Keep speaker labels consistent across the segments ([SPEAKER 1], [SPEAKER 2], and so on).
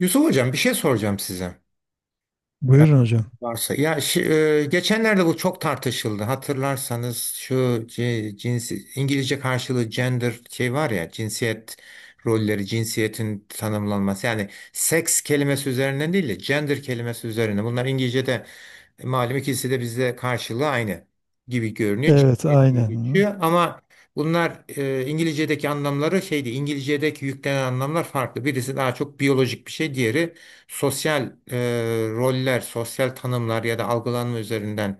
[SPEAKER 1] Yusuf Hocam bir şey soracağım size. Yani
[SPEAKER 2] Buyurun hocam.
[SPEAKER 1] varsa. Ya geçenlerde bu çok tartışıldı. Hatırlarsanız şu cinsi İngilizce karşılığı gender şey var ya cinsiyet rolleri, cinsiyetin tanımlanması. Yani seks kelimesi üzerinden değil de gender kelimesi üzerine. Bunlar İngilizce'de malum ikisi de bizde karşılığı aynı gibi görünüyor.
[SPEAKER 2] Evet,
[SPEAKER 1] Cinsiyet diye
[SPEAKER 2] aynen. Hı.
[SPEAKER 1] geçiyor ama bunlar İngilizce'deki anlamları şeydi. İngilizce'deki yüklenen anlamlar farklı. Birisi daha çok biyolojik bir şey, diğeri sosyal roller, sosyal tanımlar ya da algılanma üzerinden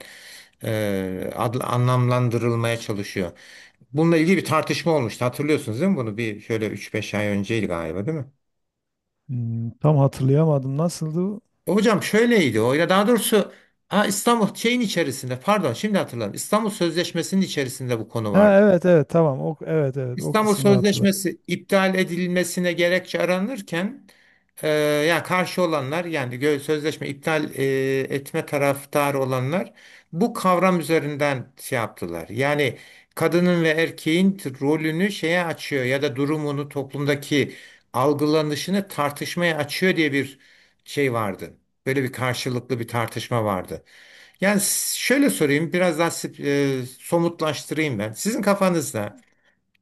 [SPEAKER 1] anlamlandırılmaya çalışıyor. Bununla ilgili bir tartışma olmuştu. Hatırlıyorsunuz değil mi bunu? Bir şöyle üç beş ay önceydi galiba değil mi?
[SPEAKER 2] Hmm, tam hatırlayamadım. Nasıldı?
[SPEAKER 1] Hocam şöyleydi o ya daha doğrusu ha, İstanbul şeyin içerisinde, pardon, şimdi hatırladım. İstanbul Sözleşmesi'nin içerisinde bu konu vardı.
[SPEAKER 2] Ha, evet, evet, tamam. O evet, evet, o
[SPEAKER 1] İstanbul
[SPEAKER 2] kısmını hatırladım.
[SPEAKER 1] Sözleşmesi iptal edilmesine gerekçe aranırken e, ya karşı olanlar, yani sözleşme iptal etme taraftarı olanlar bu kavram üzerinden şey yaptılar. Yani kadının ve erkeğin rolünü şeye açıyor ya da durumunu toplumdaki algılanışını tartışmaya açıyor diye bir şey vardı. Böyle bir karşılıklı bir tartışma vardı. Yani şöyle sorayım, biraz daha somutlaştırayım ben. Sizin kafanızda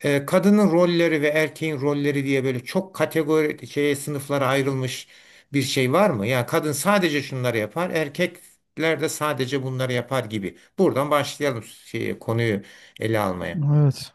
[SPEAKER 1] kadının rolleri ve erkeğin rolleri diye böyle çok kategori şeye, sınıflara ayrılmış bir şey var mı? Yani kadın sadece şunları yapar, erkekler de sadece bunları yapar gibi. Buradan başlayalım şeyi, konuyu ele almaya.
[SPEAKER 2] Evet.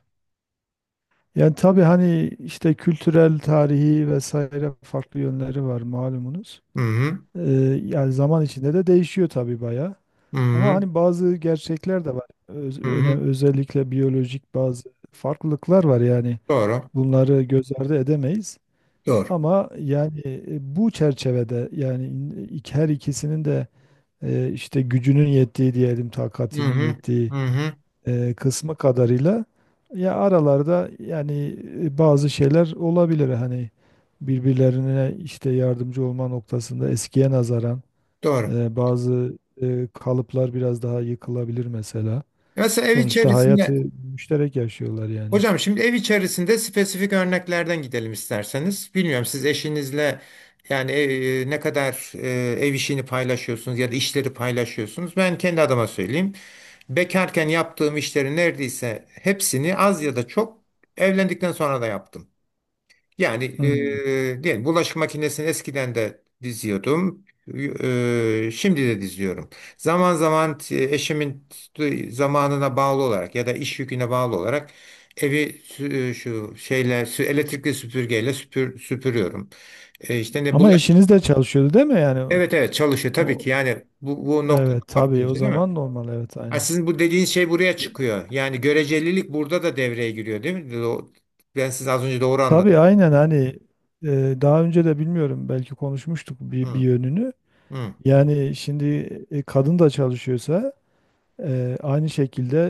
[SPEAKER 2] Yani tabii hani işte kültürel, tarihi vesaire farklı yönleri var malumunuz.
[SPEAKER 1] Hı hı,
[SPEAKER 2] Ee, Yani zaman içinde de değişiyor tabii bayağı.
[SPEAKER 1] hı
[SPEAKER 2] Ama
[SPEAKER 1] hı,
[SPEAKER 2] hani bazı gerçekler de var.
[SPEAKER 1] hı hı.
[SPEAKER 2] Özellikle biyolojik bazı farklılıklar var yani.
[SPEAKER 1] Doğru,
[SPEAKER 2] Bunları göz ardı edemeyiz.
[SPEAKER 1] doğru.
[SPEAKER 2] Ama yani bu çerçevede, yani her ikisinin de işte gücünün yettiği diyelim,
[SPEAKER 1] Hı
[SPEAKER 2] takatinin
[SPEAKER 1] hı,
[SPEAKER 2] yettiği
[SPEAKER 1] hı hı,
[SPEAKER 2] kısmı kadarıyla ya aralarda, yani bazı şeyler olabilir hani, birbirlerine işte yardımcı olma noktasında eskiye nazaran
[SPEAKER 1] doğru.
[SPEAKER 2] bazı kalıplar biraz daha yıkılabilir mesela.
[SPEAKER 1] Mesela ev
[SPEAKER 2] Sonuçta hayatı
[SPEAKER 1] içerisinde.
[SPEAKER 2] müşterek yaşıyorlar yani.
[SPEAKER 1] Hocam, şimdi ev içerisinde spesifik örneklerden gidelim isterseniz. Bilmiyorum, siz eşinizle yani ne kadar ev işini paylaşıyorsunuz ya da işleri paylaşıyorsunuz. Ben kendi adıma söyleyeyim. Bekarken yaptığım işlerin neredeyse hepsini az ya da çok evlendikten sonra da yaptım. Yani
[SPEAKER 2] Hmm.
[SPEAKER 1] diyelim bulaşık makinesini eskiden de diziyordum. Şimdi de diziyorum. Zaman zaman eşimin zamanına bağlı olarak ya da iş yüküne bağlı olarak evi şu şeyle elektrikli süpürgeyle süpürüyorum. E, işte ne
[SPEAKER 2] Ama
[SPEAKER 1] bulaş
[SPEAKER 2] eşiniz de çalışıyordu değil mi?
[SPEAKER 1] Evet, evet, çalışıyor tabii
[SPEAKER 2] O,
[SPEAKER 1] ki. Yani bu noktada
[SPEAKER 2] Evet tabii,
[SPEAKER 1] bakınca,
[SPEAKER 2] o
[SPEAKER 1] değil mi?
[SPEAKER 2] zaman normal, evet,
[SPEAKER 1] Ha,
[SPEAKER 2] aynen.
[SPEAKER 1] Sizin bu dediğiniz şey buraya çıkıyor. Yani görecelilik burada da devreye giriyor değil mi? Ben size az önce doğru anladım.
[SPEAKER 2] Tabii aynen, hani e, daha önce de bilmiyorum, belki konuşmuştuk bir
[SPEAKER 1] Hı,
[SPEAKER 2] yönünü.
[SPEAKER 1] hı.
[SPEAKER 2] Yani şimdi kadın da çalışıyorsa aynı şekilde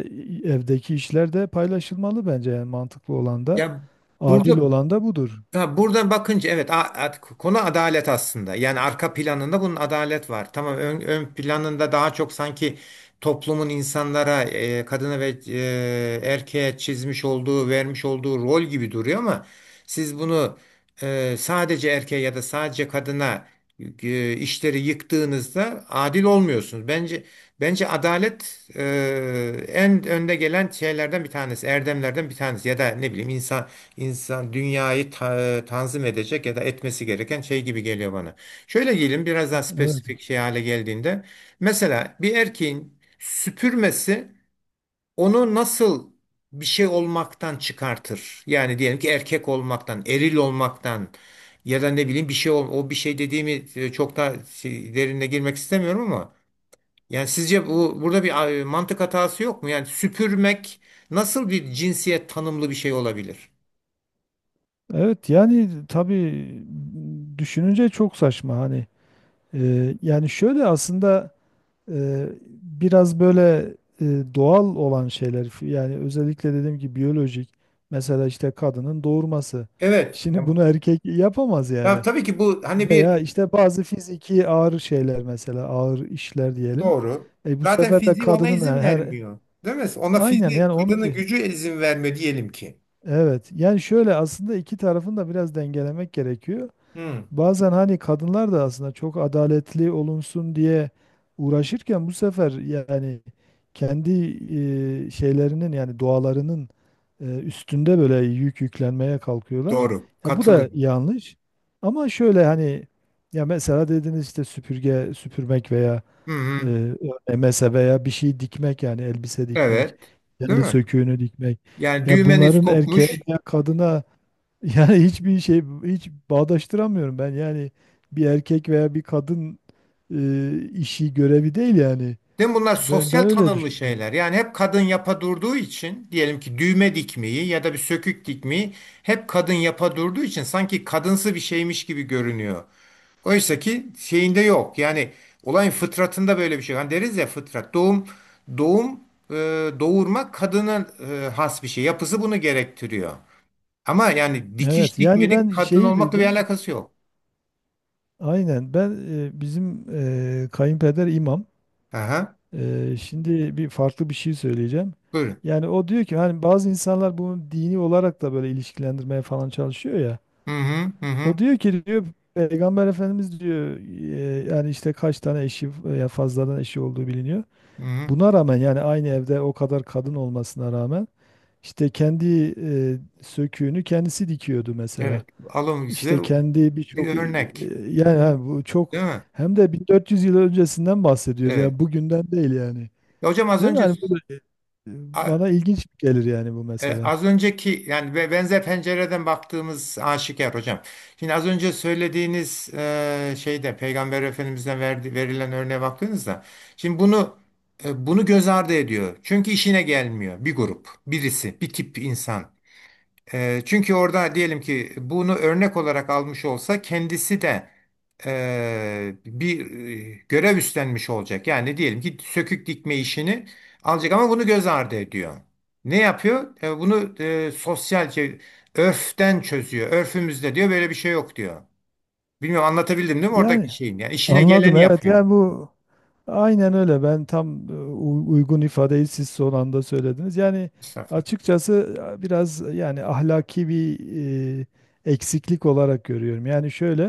[SPEAKER 2] evdeki işler de paylaşılmalı bence, yani mantıklı olan da
[SPEAKER 1] Ya burada
[SPEAKER 2] adil olan da budur.
[SPEAKER 1] ha, buradan bakınca evet, konu adalet aslında. Yani arka planında bunun adalet var. Tamam, ön, ön planında daha çok sanki toplumun insanlara kadına ve erkeğe çizmiş olduğu, vermiş olduğu rol gibi duruyor ama siz bunu sadece erkeğe ya da sadece kadına işleri yıktığınızda adil olmuyorsunuz. bence adalet en önde gelen şeylerden bir tanesi, erdemlerden bir tanesi, ya da ne bileyim, insan dünyayı tanzim edecek ya da etmesi gereken şey gibi geliyor bana. Şöyle diyelim, biraz daha
[SPEAKER 2] Evet.
[SPEAKER 1] spesifik şey hale geldiğinde mesela bir erkeğin süpürmesi onu nasıl bir şey olmaktan çıkartır? Yani diyelim ki erkek olmaktan, eril olmaktan ya da ne bileyim bir şey o bir şey dediğimi çok da derinine girmek istemiyorum ama yani sizce bu burada bir mantık hatası yok mu? Yani süpürmek nasıl bir cinsiyet tanımlı bir şey olabilir?
[SPEAKER 2] Evet yani tabii, düşününce çok saçma hani. Yani şöyle aslında, biraz böyle doğal olan şeyler, yani özellikle dediğim gibi biyolojik, mesela işte kadının doğurması.
[SPEAKER 1] Evet.
[SPEAKER 2] Şimdi bunu erkek yapamaz
[SPEAKER 1] Ya
[SPEAKER 2] yani.
[SPEAKER 1] tabii ki bu hani
[SPEAKER 2] Veya
[SPEAKER 1] bir.
[SPEAKER 2] işte bazı fiziki ağır şeyler, mesela ağır işler diyelim.
[SPEAKER 1] Doğru.
[SPEAKER 2] Bu
[SPEAKER 1] Zaten
[SPEAKER 2] sefer de
[SPEAKER 1] fiziği ona
[SPEAKER 2] kadının
[SPEAKER 1] izin vermiyor. Değil mi? Ona
[SPEAKER 2] aynen,
[SPEAKER 1] fiziği,
[SPEAKER 2] yani
[SPEAKER 1] kadının gücü izin vermiyor diyelim ki.
[SPEAKER 2] evet, yani şöyle aslında iki tarafın da biraz dengelemek gerekiyor.
[SPEAKER 1] Hı,
[SPEAKER 2] Bazen hani kadınlar da aslında çok adaletli olunsun diye uğraşırken, bu sefer yani kendi şeylerinin, yani doğalarının üstünde böyle yük yüklenmeye kalkıyorlar.
[SPEAKER 1] doğru.
[SPEAKER 2] Ya bu da
[SPEAKER 1] Katılıyorum.
[SPEAKER 2] yanlış. Ama şöyle hani, ya mesela dediniz işte süpürge süpürmek veya
[SPEAKER 1] Hı hı.
[SPEAKER 2] e, örmese, veya bir şey dikmek, yani elbise dikmek,
[SPEAKER 1] Evet. Değil
[SPEAKER 2] kendi
[SPEAKER 1] mi?
[SPEAKER 2] söküğünü dikmek.
[SPEAKER 1] Yani
[SPEAKER 2] Ya
[SPEAKER 1] düğmeniz
[SPEAKER 2] bunların erkeğe
[SPEAKER 1] kopmuş.
[SPEAKER 2] veya kadına yani hiçbir şey hiç bağdaştıramıyorum ben. Yani bir erkek veya bir kadın işi, görevi değil yani.
[SPEAKER 1] Değil mi? Bunlar
[SPEAKER 2] Ben
[SPEAKER 1] sosyal
[SPEAKER 2] ben öyle
[SPEAKER 1] tanımlı
[SPEAKER 2] düşünüyorum.
[SPEAKER 1] şeyler. Yani hep kadın yapa durduğu için diyelim ki düğme dikmeyi ya da bir sökük dikmeyi hep kadın yapa durduğu için sanki kadınsı bir şeymiş gibi görünüyor. Oysa ki şeyinde yok. Yani olayın fıtratında böyle bir şey. Hani deriz ya, fıtrat, doğum e, doğurma kadına has bir şey. Yapısı bunu gerektiriyor. Ama yani dikiş
[SPEAKER 2] Evet, yani
[SPEAKER 1] dikmenin
[SPEAKER 2] ben
[SPEAKER 1] kadın
[SPEAKER 2] şeyi
[SPEAKER 1] olmakla bir
[SPEAKER 2] duydum.
[SPEAKER 1] alakası yok.
[SPEAKER 2] Aynen, ben bizim kayınpeder imam.
[SPEAKER 1] Aha,
[SPEAKER 2] Şimdi bir farklı bir şey söyleyeceğim.
[SPEAKER 1] buyurun.
[SPEAKER 2] Yani o diyor ki, hani bazı insanlar bunu dini olarak da böyle ilişkilendirmeye falan çalışıyor ya.
[SPEAKER 1] Hı hı, hı
[SPEAKER 2] O
[SPEAKER 1] hı.
[SPEAKER 2] diyor ki, diyor, Peygamber Efendimiz diyor yani işte kaç tane eşi, ya fazladan eşi olduğu biliniyor.
[SPEAKER 1] Hı hı.
[SPEAKER 2] Buna rağmen, yani aynı evde o kadar kadın olmasına rağmen işte kendi söküğünü kendisi dikiyordu mesela.
[SPEAKER 1] Evet, alım size
[SPEAKER 2] İşte kendi birçok.
[SPEAKER 1] bir örnek,
[SPEAKER 2] Bu çok,
[SPEAKER 1] değil mi?
[SPEAKER 2] hem de 1400 yıl öncesinden bahsediyoruz. Yani
[SPEAKER 1] Evet.
[SPEAKER 2] bugünden değil yani.
[SPEAKER 1] Ya hocam,
[SPEAKER 2] Değil mi? Yani
[SPEAKER 1] a-
[SPEAKER 2] bana ilginç gelir yani, bu mesela.
[SPEAKER 1] az önceki yani ve benzer pencereden baktığımız aşikar hocam. Şimdi az önce söylediğiniz şeyde Peygamber Efendimiz'den verilen örneğe baktığınızda şimdi bunu, bunu göz ardı ediyor. Çünkü işine gelmiyor bir grup, birisi, bir tip insan. Çünkü orada diyelim ki bunu örnek olarak almış olsa kendisi de bir görev üstlenmiş olacak. Yani diyelim ki sökük dikme işini alacak ama bunu göz ardı ediyor. Ne yapıyor? Bunu sosyalce örften çözüyor. Örfümüzde diyor böyle bir şey yok diyor. Bilmiyorum, anlatabildim değil mi oradaki
[SPEAKER 2] Yani
[SPEAKER 1] şeyin? Yani işine
[SPEAKER 2] anladım,
[SPEAKER 1] geleni
[SPEAKER 2] evet,
[SPEAKER 1] yapıyor,
[SPEAKER 2] yani bu aynen öyle. Ben tam uygun ifadeyi siz son anda söylediniz. Yani
[SPEAKER 1] Mustafa.
[SPEAKER 2] açıkçası biraz yani ahlaki bir e, eksiklik olarak görüyorum. Yani şöyle,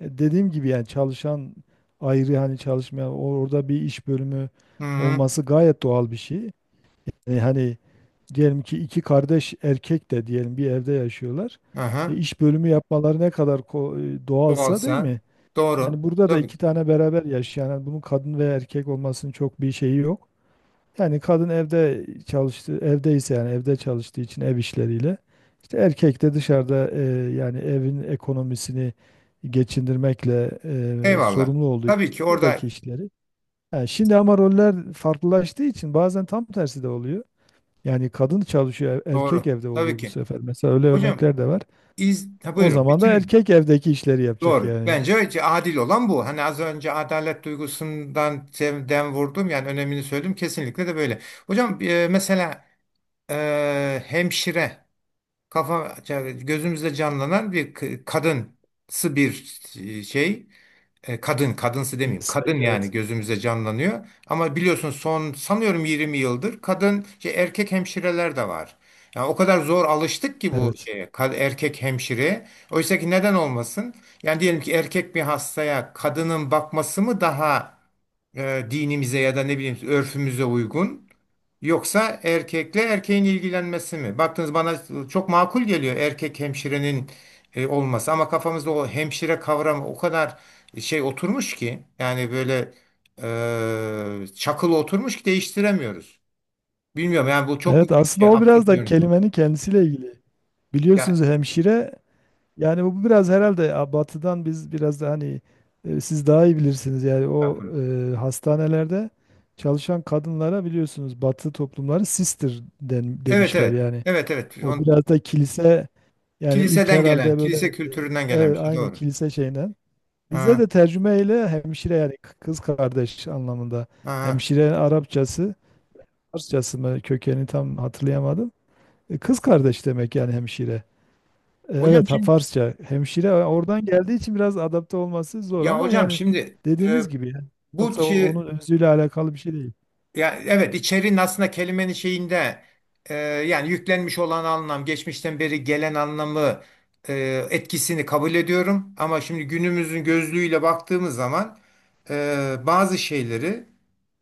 [SPEAKER 2] dediğim gibi yani çalışan ayrı, hani çalışmayan orada bir iş bölümü
[SPEAKER 1] Hı hı.
[SPEAKER 2] olması gayet doğal bir şey. Hani diyelim ki iki kardeş erkek de diyelim bir evde yaşıyorlar.
[SPEAKER 1] Aha.
[SPEAKER 2] İş bölümü yapmaları ne kadar doğalsa, değil
[SPEAKER 1] Olsa
[SPEAKER 2] mi?
[SPEAKER 1] doğru.
[SPEAKER 2] Yani burada da
[SPEAKER 1] Tabii
[SPEAKER 2] iki
[SPEAKER 1] ki.
[SPEAKER 2] tane beraber yaşayan, yani bunun kadın ve erkek olmasının çok bir şeyi yok. Yani kadın evde çalıştı, evdeyse, yani evde çalıştığı için ev işleriyle. İşte erkek de dışarıda yani evin ekonomisini geçindirmekle
[SPEAKER 1] Eyvallah.
[SPEAKER 2] sorumlu olduğu
[SPEAKER 1] Tabii
[SPEAKER 2] için
[SPEAKER 1] ki orada
[SPEAKER 2] buradaki işleri. Yani şimdi ama roller farklılaştığı için bazen tam tersi de oluyor. Yani kadın çalışıyor, erkek
[SPEAKER 1] doğru.
[SPEAKER 2] evde
[SPEAKER 1] Tabii
[SPEAKER 2] oluyor bu
[SPEAKER 1] ki.
[SPEAKER 2] sefer. Mesela öyle
[SPEAKER 1] Hocam,
[SPEAKER 2] örnekler de var.
[SPEAKER 1] Ha,
[SPEAKER 2] O
[SPEAKER 1] buyurun,
[SPEAKER 2] zaman da
[SPEAKER 1] bitirin.
[SPEAKER 2] erkek evdeki işleri yapacak
[SPEAKER 1] Doğru.
[SPEAKER 2] yani.
[SPEAKER 1] Bence adil olan bu. Hani az önce adalet duygusundan dem vurdum, yani önemini söyledim. Kesinlikle de böyle. Hocam mesela hemşire kafa gözümüzde canlanan bir kadınsı bir şey. Kadın, kadınsı demeyeyim. Kadın
[SPEAKER 2] Meslek,
[SPEAKER 1] yani
[SPEAKER 2] evet.
[SPEAKER 1] gözümüze canlanıyor. Ama biliyorsun, son sanıyorum 20 yıldır erkek hemşireler de var. Yani o kadar zor alıştık ki bu
[SPEAKER 2] Evet.
[SPEAKER 1] şeye, erkek hemşire. Oysa ki neden olmasın? Yani diyelim ki erkek bir hastaya kadının bakması mı daha dinimize ya da ne bileyim örfümüze uygun? Yoksa erkekle erkeğin ilgilenmesi mi? Baktınız, bana çok makul geliyor erkek hemşirenin olması ama kafamızda o hemşire kavramı o kadar şey oturmuş ki, yani böyle çakılı oturmuş ki değiştiremiyoruz. Bilmiyorum, yani bu çok mu
[SPEAKER 2] Evet, aslında
[SPEAKER 1] şey,
[SPEAKER 2] o biraz
[SPEAKER 1] absürt bir
[SPEAKER 2] da
[SPEAKER 1] yöntem.
[SPEAKER 2] kelimenin kendisiyle ilgili.
[SPEAKER 1] Ya,
[SPEAKER 2] Biliyorsunuz hemşire, yani bu biraz herhalde ya batıdan, biz biraz da hani siz daha iyi bilirsiniz yani, o hastanelerde çalışan kadınlara biliyorsunuz batı toplumları sister den,
[SPEAKER 1] evet,
[SPEAKER 2] demişler
[SPEAKER 1] evet.
[SPEAKER 2] yani.
[SPEAKER 1] Evet, evet.
[SPEAKER 2] O biraz da kilise, yani ilk
[SPEAKER 1] Kiliseden gelen,
[SPEAKER 2] herhalde böyle
[SPEAKER 1] kilise
[SPEAKER 2] e,
[SPEAKER 1] kültüründen gelen bir
[SPEAKER 2] evet,
[SPEAKER 1] şey,
[SPEAKER 2] aynı
[SPEAKER 1] doğru.
[SPEAKER 2] kilise şeyinden. Bizde
[SPEAKER 1] Ha,
[SPEAKER 2] de tercümeyle hemşire, yani kız kardeş anlamında.
[SPEAKER 1] ha.
[SPEAKER 2] Hemşire Arapçası, Farsçası mı, kökeni tam hatırlayamadım. Kız kardeş demek yani hemşire.
[SPEAKER 1] Hocam
[SPEAKER 2] Evet, ha,
[SPEAKER 1] şimdi,
[SPEAKER 2] Farsça hemşire oradan geldiği için biraz adapte olması zor,
[SPEAKER 1] ya
[SPEAKER 2] ama
[SPEAKER 1] hocam
[SPEAKER 2] yani
[SPEAKER 1] şimdi e,
[SPEAKER 2] dediğiniz gibi yani.
[SPEAKER 1] bu
[SPEAKER 2] Yoksa
[SPEAKER 1] şey.
[SPEAKER 2] onun özüyle alakalı bir şey değil.
[SPEAKER 1] Ya evet, içeriğin aslında kelimenin şeyinde yani yüklenmiş olan anlam, geçmişten beri gelen anlamı etkisini kabul ediyorum. Ama şimdi günümüzün gözlüğüyle baktığımız zaman bazı şeyleri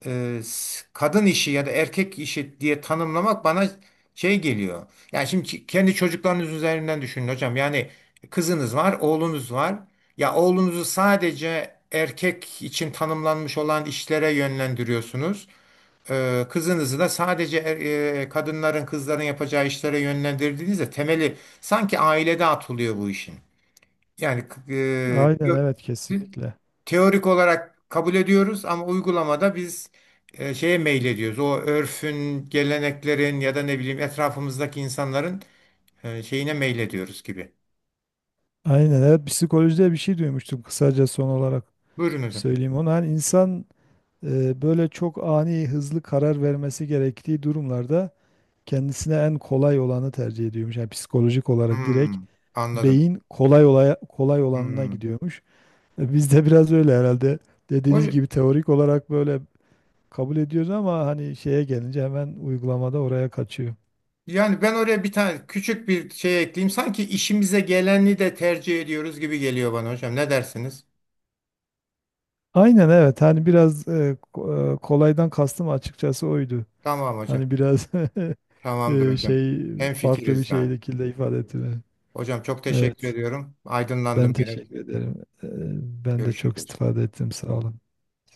[SPEAKER 1] kadın işi ya da erkek işi diye tanımlamak bana şey geliyor. Yani şimdi kendi çocuklarınız üzerinden düşünün hocam. Yani kızınız var, oğlunuz var. Ya oğlunuzu sadece erkek için tanımlanmış olan işlere yönlendiriyorsunuz, kızınızı da sadece kadınların, kızların yapacağı işlere yönlendirdiğinizde temeli sanki ailede atılıyor bu işin. Yani
[SPEAKER 2] Aynen, evet,
[SPEAKER 1] te-
[SPEAKER 2] kesinlikle.
[SPEAKER 1] teorik olarak kabul ediyoruz ama uygulamada biz şeye meylediyoruz. O örfün, geleneklerin ya da ne bileyim etrafımızdaki insanların şeyine meylediyoruz gibi.
[SPEAKER 2] Aynen evet, psikolojide bir şey duymuştum, kısaca son olarak
[SPEAKER 1] Buyurun hocam.
[SPEAKER 2] söyleyeyim onu. Hani insan böyle çok ani, hızlı karar vermesi gerektiği durumlarda kendisine en kolay olanı tercih ediyormuş. Yani psikolojik olarak direkt
[SPEAKER 1] Hmm, anladım.
[SPEAKER 2] beyin kolay olaya, kolay olanına
[SPEAKER 1] Hmm.
[SPEAKER 2] gidiyormuş. Bizde biraz öyle herhalde. Dediğiniz
[SPEAKER 1] Hocam,
[SPEAKER 2] gibi teorik olarak böyle kabul ediyoruz ama hani şeye gelince hemen uygulamada oraya kaçıyor.
[SPEAKER 1] yani ben oraya bir tane küçük bir şey ekleyeyim. Sanki işimize geleni de tercih ediyoruz gibi geliyor bana hocam. Ne dersiniz?
[SPEAKER 2] Aynen evet, hani biraz kolaydan kastım açıkçası oydu.
[SPEAKER 1] Tamam hocam.
[SPEAKER 2] Hani biraz
[SPEAKER 1] Tamamdır hocam.
[SPEAKER 2] şey, farklı bir
[SPEAKER 1] Hemfikiriz abi.
[SPEAKER 2] şekilde ifade ettim.
[SPEAKER 1] Hocam, çok teşekkür
[SPEAKER 2] Evet,
[SPEAKER 1] ediyorum.
[SPEAKER 2] ben
[SPEAKER 1] Aydınlandım gene.
[SPEAKER 2] teşekkür ederim. Ben de çok
[SPEAKER 1] Görüşürüz.
[SPEAKER 2] istifade ettim, sağ olun.